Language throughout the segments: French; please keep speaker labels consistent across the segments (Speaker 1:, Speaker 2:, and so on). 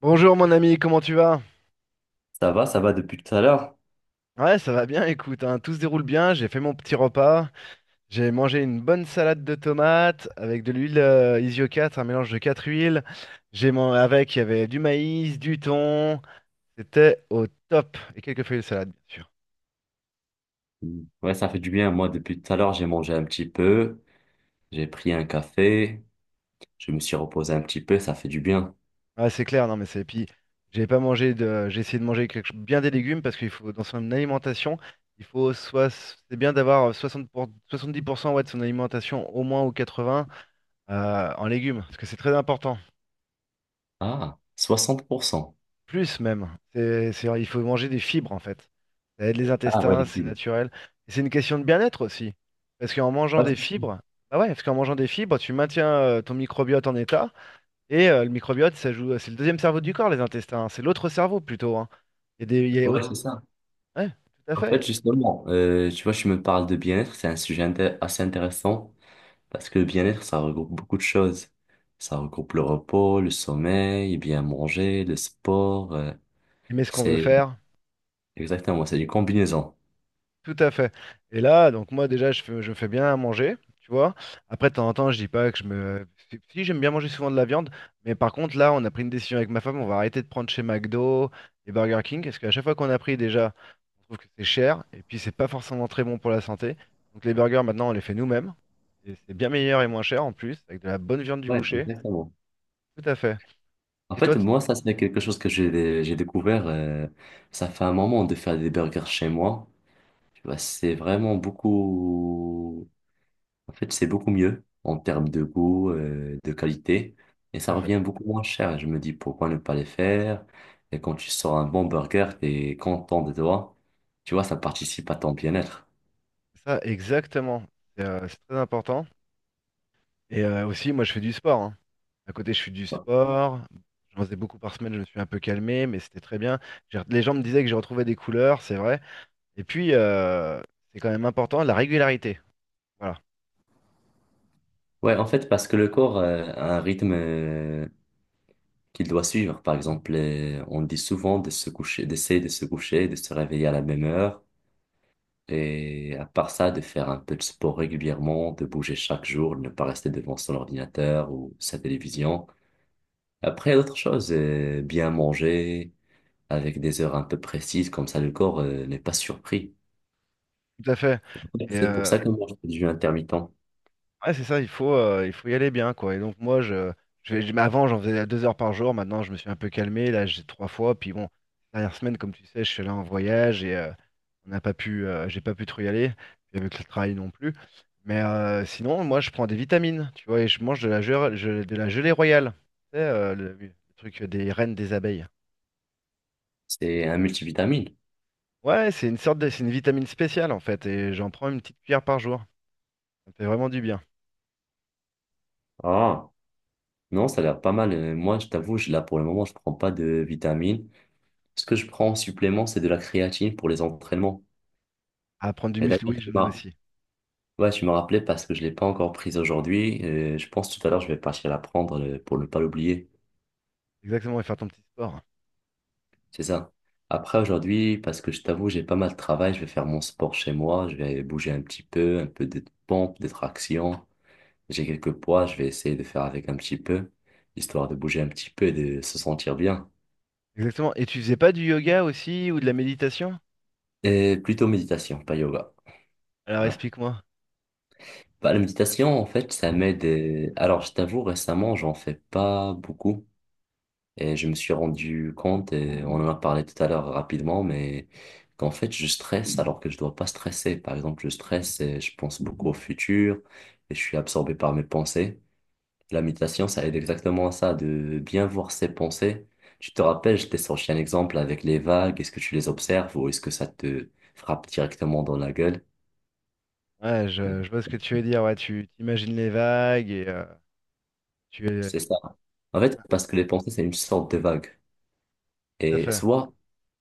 Speaker 1: Bonjour mon ami, comment tu vas?
Speaker 2: Ça va depuis tout à l'heure?
Speaker 1: Ouais, ça va bien, écoute, hein, tout se déroule bien, j'ai fait mon petit repas, j'ai mangé une bonne salade de tomates avec de l'huile Isio 4, un mélange de 4 huiles, avec, il y avait du maïs, du thon, c'était au top, et quelques feuilles de salade, bien sûr.
Speaker 2: Ouais, ça fait du bien. Moi, depuis tout à l'heure, j'ai mangé un petit peu, j'ai pris un café, je me suis reposé un petit peu, ça fait du bien.
Speaker 1: Ah, c'est clair, non mais Et puis, j'ai pas mangé J'ai essayé de manger bien des légumes, parce qu'il faut, dans son alimentation, il faut soit... c'est bien d'avoir 60 70% ouais, de son alimentation, au moins ou 80, en légumes, parce que c'est très important.
Speaker 2: Ah, 60%.
Speaker 1: Plus même. Il faut manger des fibres en fait. Ça aide les
Speaker 2: Ah ouais,
Speaker 1: intestins,
Speaker 2: les
Speaker 1: c'est
Speaker 2: fibres.
Speaker 1: naturel. Et c'est une question de bien-être aussi. Parce qu'en mangeant
Speaker 2: Ouais,
Speaker 1: des
Speaker 2: c'est sûr.
Speaker 1: fibres, bah ouais, parce qu'en mangeant des fibres, tu maintiens ton microbiote en état. Et le microbiote, ça joue, c'est le deuxième cerveau du corps, les intestins, hein. C'est l'autre cerveau plutôt, hein. Il y a des, il y a
Speaker 2: Ouais,
Speaker 1: autre-
Speaker 2: c'est ça.
Speaker 1: Ouais, tout à
Speaker 2: En fait,
Speaker 1: fait.
Speaker 2: justement, tu vois, je me parle de bien-être, c'est un sujet assez intéressant parce que le bien-être, ça regroupe beaucoup de choses. Ça regroupe le repos, le sommeil, bien manger, le sport.
Speaker 1: Mais ce qu'on veut
Speaker 2: C'est
Speaker 1: faire.
Speaker 2: Exactement, c'est une combinaison.
Speaker 1: Tout à fait. Et là, donc moi déjà, je fais bien à manger, tu vois. Après, de temps en temps, je dis pas que Si, si, j'aime bien manger souvent de la viande, mais par contre, là, on a pris une décision avec ma femme, on va arrêter de prendre chez McDo et Burger King, parce qu'à chaque fois qu'on a pris, déjà, on trouve que c'est cher, et puis c'est pas forcément très bon pour la santé. Donc les burgers, maintenant, on les fait nous-mêmes, et c'est bien meilleur et moins cher en plus, avec de la bonne viande du
Speaker 2: Ouais,
Speaker 1: boucher.
Speaker 2: exactement.
Speaker 1: Tout à fait.
Speaker 2: En
Speaker 1: Et toi,
Speaker 2: fait,
Speaker 1: tout
Speaker 2: moi, ça, c'est quelque chose que j'ai découvert. Ça fait un moment de faire des burgers chez moi. Tu vois, c'est vraiment beaucoup. En fait, c'est beaucoup mieux en termes de goût, de qualité. Et ça
Speaker 1: à fait.
Speaker 2: revient beaucoup moins cher. Je me dis pourquoi ne pas les faire. Et quand tu sors un bon burger, t'es content de toi. Tu vois, ça participe à ton bien-être.
Speaker 1: Ça, exactement. C'est très important. Et aussi, moi, je fais du sport, hein. À côté, je fais du sport. J'en faisais beaucoup par semaine, je me suis un peu calmé, mais c'était très bien. Les gens me disaient que j'ai retrouvé des couleurs, c'est vrai. Et puis, c'est quand même important, la régularité. Voilà,
Speaker 2: Ouais, en fait, parce que le corps a un rythme qu'il doit suivre. Par exemple, on dit souvent de se coucher, d'essayer de se coucher, de se réveiller à la même heure. Et à part ça, de faire un peu de sport régulièrement, de bouger chaque jour, de ne pas rester devant son ordinateur ou sa télévision. Après, il y a d'autres choses, bien manger avec des heures un peu précises, comme ça le corps, n'est pas surpris.
Speaker 1: tout à fait. Et
Speaker 2: C'est pour ça que moi, je fais du jeûne intermittent.
Speaker 1: ouais, c'est ça, il faut y aller bien, quoi. Et donc moi, mais avant, j'en faisais 2 heures par jour. Maintenant, je me suis un peu calmé. Là, j'ai trois fois. Puis bon, dernière semaine, comme tu sais, je suis allé en voyage et on n'a pas pu, j'ai pas pu trop y aller. Puis avec le travail non plus. Mais sinon, moi, je prends des vitamines, tu vois, et je mange de la gelée royale. Tu sais, le truc des reines des abeilles.
Speaker 2: C'est un multivitamine.
Speaker 1: Ouais, c'est une sorte de, c'est une vitamine spéciale en fait, et j'en prends une petite cuillère par jour. Ça me fait vraiment du bien.
Speaker 2: Ah, non, ça a l'air pas mal. Moi, je t'avoue, là, pour le moment, je prends pas de vitamines. Ce que je prends en supplément, c'est de la créatine pour les entraînements.
Speaker 1: À prendre du
Speaker 2: Et d'ailleurs,
Speaker 1: muscle, oui, j'en ai aussi.
Speaker 2: tu m'as rappelé parce que je ne l'ai pas encore prise aujourd'hui. Je pense tout à l'heure, je vais partir la prendre pour ne pas l'oublier.
Speaker 1: Exactement, et faire ton petit sport.
Speaker 2: C'est ça. Après, aujourd'hui, parce que je t'avoue, j'ai pas mal de travail, je vais faire mon sport chez moi, je vais bouger un petit peu, un peu de pompes, des tractions. J'ai quelques poids, je vais essayer de faire avec un petit peu, histoire de bouger un petit peu et de se sentir bien.
Speaker 1: Exactement. Et tu faisais pas du yoga aussi ou de la méditation?
Speaker 2: Et plutôt méditation, pas yoga.
Speaker 1: Alors
Speaker 2: Ouais.
Speaker 1: explique-moi.
Speaker 2: Bah, la méditation, en fait, ça m'aide. Alors, je t'avoue, récemment, j'en fais pas beaucoup. Et je me suis rendu compte, et on en a parlé tout à l'heure rapidement, mais qu'en fait, je stresse alors que je dois pas stresser. Par exemple, je stresse et je pense beaucoup au futur et je suis absorbé par mes pensées. La méditation, ça aide exactement à ça, de bien voir ses pensées. Tu te rappelles, je t'ai sorti un exemple avec les vagues. Est-ce que tu les observes ou est-ce que ça te frappe directement dans la gueule?
Speaker 1: Ouais, je vois ce que tu veux dire. Ouais, tu t'imagines les vagues et tu es
Speaker 2: C'est ça. En fait, parce que les pensées, c'est une sorte de vague.
Speaker 1: tout à
Speaker 2: Et
Speaker 1: fait.
Speaker 2: soit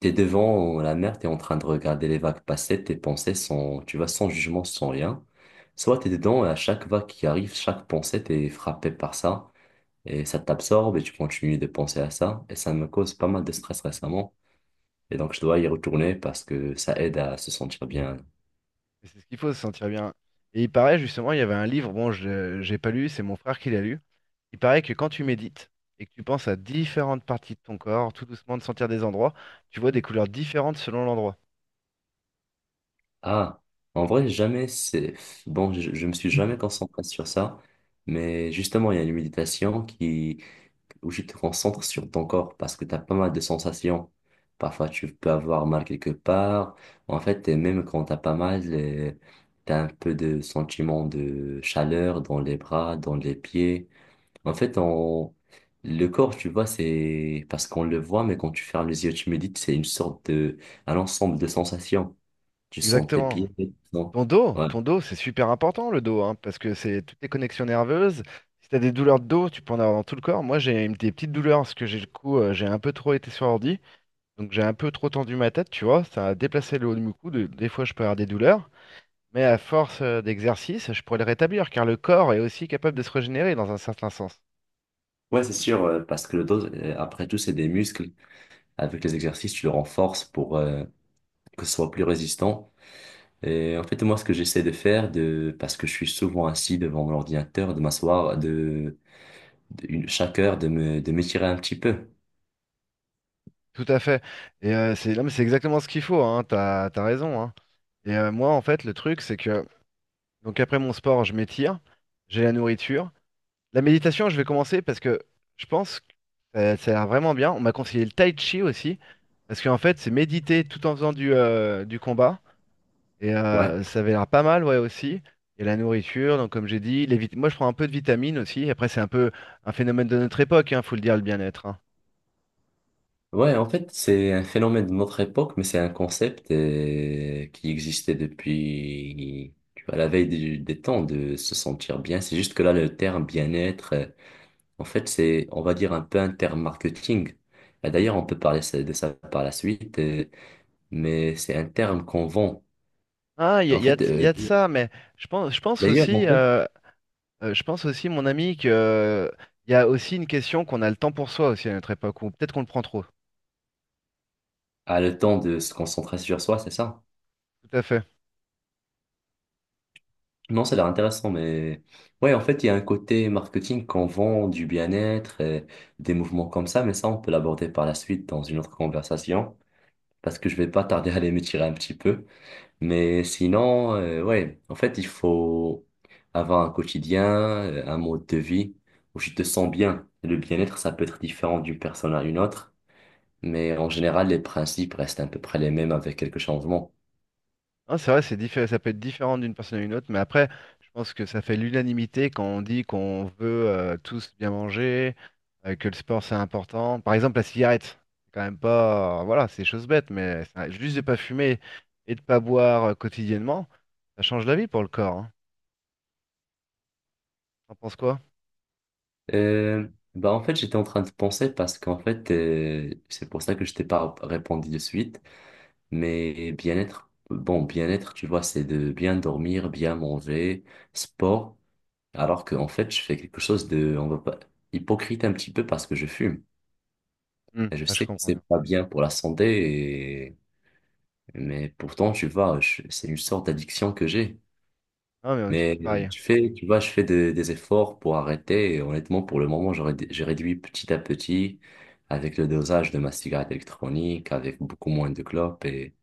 Speaker 2: t'es devant la mer, t'es en train de regarder les vagues passer, tes pensées sont, tu vois, sans jugement, sans rien. Soit t'es dedans et à chaque vague qui arrive, chaque pensée, t'es frappé par ça et ça t'absorbe et tu continues de penser à ça. Et ça me cause pas mal de stress récemment. Et donc je dois y retourner parce que ça aide à se sentir bien.
Speaker 1: Et c'est ce qu'il faut, se sentir bien. Et il paraît justement, il y avait un livre, bon, je j'ai pas lu, c'est mon frère qui l'a lu. Il paraît que quand tu médites et que tu penses à différentes parties de ton corps, tout doucement de sentir des endroits, tu vois des couleurs différentes selon l'endroit.
Speaker 2: Ah, en vrai, jamais c'est... Bon, je me suis jamais concentré sur ça. Mais justement, il y a une méditation qui où tu te concentres sur ton corps parce que tu as pas mal de sensations. Parfois, tu peux avoir mal quelque part. En fait, et même quand tu as pas mal, tu as un peu de sentiment de chaleur dans les bras, dans les pieds. En fait, on... le corps, tu vois, c'est parce qu'on le voit, mais quand tu fermes les yeux, tu médites, c'est une sorte de... un ensemble de sensations. Tu sens tes
Speaker 1: Exactement.
Speaker 2: pieds, Ouais,
Speaker 1: Ton dos, c'est super important le dos, hein, parce que c'est toutes tes connexions nerveuses. Si t'as des douleurs de dos, tu peux en avoir dans tout le corps. Moi, des petites douleurs parce que j'ai le cou, j'ai un peu trop été sur ordi, donc j'ai un peu trop tendu ma tête, tu vois. Ça a déplacé le haut de mon cou. Des fois, je peux avoir des douleurs, mais à force d'exercice, je pourrais le rétablir, car le corps est aussi capable de se régénérer dans un certain sens.
Speaker 2: ouais c'est sûr, parce que le dos, après tout, c'est des muscles. Avec les exercices, tu le renforces pour... que ce soit plus résistant. Et en fait, moi, ce que j'essaie de faire, parce que je suis souvent assis devant mon ordinateur, de m'asseoir, de- une, chaque heure, de m'étirer un petit peu.
Speaker 1: Tout à fait. Et c'est, non, mais c'est exactement ce qu'il faut, hein, t'as raison, hein. Et moi, en fait, le truc, c'est que donc après mon sport, je m'étire, j'ai la nourriture. La méditation, je vais commencer parce que je pense que ça a l'air vraiment bien. On m'a conseillé le tai chi aussi, parce qu'en fait, c'est méditer tout en faisant du combat. Et
Speaker 2: Ouais.
Speaker 1: ça avait l'air pas mal, ouais, aussi. Et la nourriture, donc comme j'ai dit, moi je prends un peu de vitamines aussi. Après, c'est un peu un phénomène de notre époque, hein, faut le dire, le bien-être, hein.
Speaker 2: Ouais, en fait, c'est un phénomène de notre époque, mais c'est un concept qui existait depuis, tu vois, la veille des temps, de se sentir bien. C'est juste que là, le terme bien-être, en fait, c'est, on va dire, un peu un terme marketing. Et d'ailleurs, on peut parler de ça par la suite. Mais c'est un terme qu'on vend.
Speaker 1: Ah,
Speaker 2: Et en
Speaker 1: y a
Speaker 2: fait,
Speaker 1: de y a de ça, mais je pense,
Speaker 2: d'ailleurs, en fait,
Speaker 1: je pense aussi, mon ami, que il y a aussi une question qu'on a le temps pour soi aussi à notre époque, ou peut-être qu'on le prend trop.
Speaker 2: a le temps de se concentrer sur soi, c'est ça.
Speaker 1: Tout à fait.
Speaker 2: Non, ça a l'air intéressant, mais ouais, en fait, il y a un côté marketing qu'on vend du bien-être et des mouvements comme ça, mais ça, on peut l'aborder par la suite dans une autre conversation, parce que je vais pas tarder à aller me tirer un petit peu. Mais sinon, ouais, en fait, il faut avoir un quotidien, un mode de vie où tu te sens bien. Le bien-être, ça peut être différent d'une personne à une autre. Mais en général, les principes restent à peu près les mêmes avec quelques changements.
Speaker 1: Non, c'est vrai, ça peut être différent d'une personne à une autre, mais après, je pense que ça fait l'unanimité quand on dit qu'on veut tous bien manger, que le sport c'est important. Par exemple, la cigarette, c'est quand même pas, voilà, c'est des choses bêtes, mais juste de pas fumer et de pas boire quotidiennement, ça change la vie pour le corps, hein. T'en penses quoi?
Speaker 2: Euh, Bah en fait, j'étais en train de penser parce qu'en fait, c'est pour ça que je t'ai pas répondu de suite. Mais bien-être, bon, bien-être, tu vois, c'est de bien dormir, bien manger, sport. Alors qu'en fait, je fais quelque chose de, on va pas, hypocrite un petit peu parce que je fume.
Speaker 1: Hmm,
Speaker 2: Et je
Speaker 1: ah, je
Speaker 2: sais que
Speaker 1: comprends
Speaker 2: c'est
Speaker 1: bien.
Speaker 2: pas bien pour la santé, mais pourtant, tu vois, c'est une sorte d'addiction que j'ai.
Speaker 1: Non, mais on est tous
Speaker 2: Mais
Speaker 1: pareils.
Speaker 2: tu fais, tu vois, je fais des efforts pour arrêter. Et honnêtement, pour le moment, j'ai réduit petit à petit avec le dosage de ma cigarette électronique, avec beaucoup moins de clopes. Et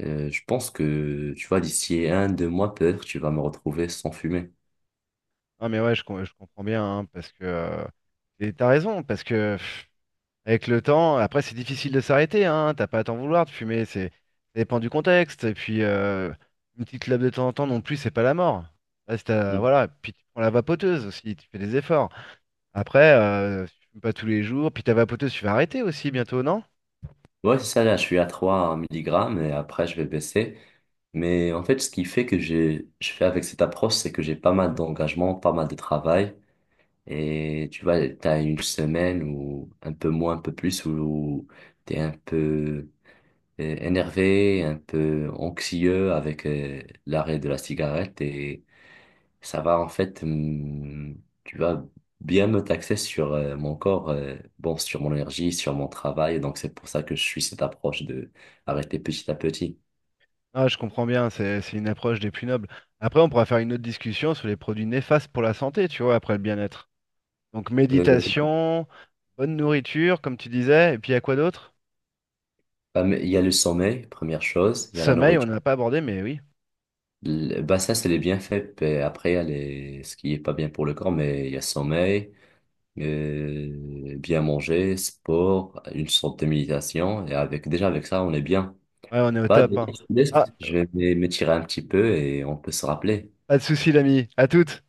Speaker 2: je pense que, tu vois, d'ici un, 2 mois, peut-être, tu vas me retrouver sans fumer.
Speaker 1: Non, mais ouais, je comprends bien, hein, parce que tu t'as raison, parce que. Avec le temps, après, c'est difficile de s'arrêter, hein. T'as pas à t'en vouloir de fumer, c'est ça dépend du contexte. Et puis, une petite clope de temps en temps non plus, c'est pas la mort. Là, c'est,
Speaker 2: Mm.
Speaker 1: voilà. Puis tu prends la vapoteuse aussi, tu fais des efforts. Après, si tu fumes pas tous les jours. Puis ta vapoteuse, tu vas arrêter aussi bientôt, non?
Speaker 2: Ouais, c'est ça, là, je suis à 3 milligrammes et après, je vais baisser. Mais en fait, ce qui fait que j'ai, je fais avec cette approche, c'est que j'ai pas mal d'engagement, pas mal de travail. Et tu vois, t'as une semaine ou un peu moins, un peu plus, où t'es un peu énervé, un peu anxieux avec l'arrêt de la cigarette et ça va en fait, tu vas bien me taxer sur mon corps, bon, sur mon énergie, sur mon travail. Donc c'est pour ça que je suis cette approche de arrêter petit à petit.
Speaker 1: Ah, je comprends bien, c'est une approche des plus nobles. Après, on pourra faire une autre discussion sur les produits néfastes pour la santé, tu vois, après le bien-être. Donc,
Speaker 2: Euh,
Speaker 1: méditation, bonne nourriture, comme tu disais, et puis à quoi d'autre?
Speaker 2: Bah, mais il y a le sommeil, première chose, il y a la
Speaker 1: Sommeil, on
Speaker 2: nourriture.
Speaker 1: n'a pas abordé, mais oui.
Speaker 2: Bah ça, c'est les bienfaits. Puis après, il y a les... ce qui est pas bien pour le corps, mais il y a sommeil, bien manger, sport, une sorte de méditation. Et avec déjà avec ça, on est bien.
Speaker 1: Ouais, on est au
Speaker 2: Bah,
Speaker 1: top,
Speaker 2: d'ailleurs,
Speaker 1: hein.
Speaker 2: je te laisse.
Speaker 1: Ah,
Speaker 2: Je vais m'étirer un petit peu et on peut se rappeler.
Speaker 1: pas de souci, l'ami. À toutes.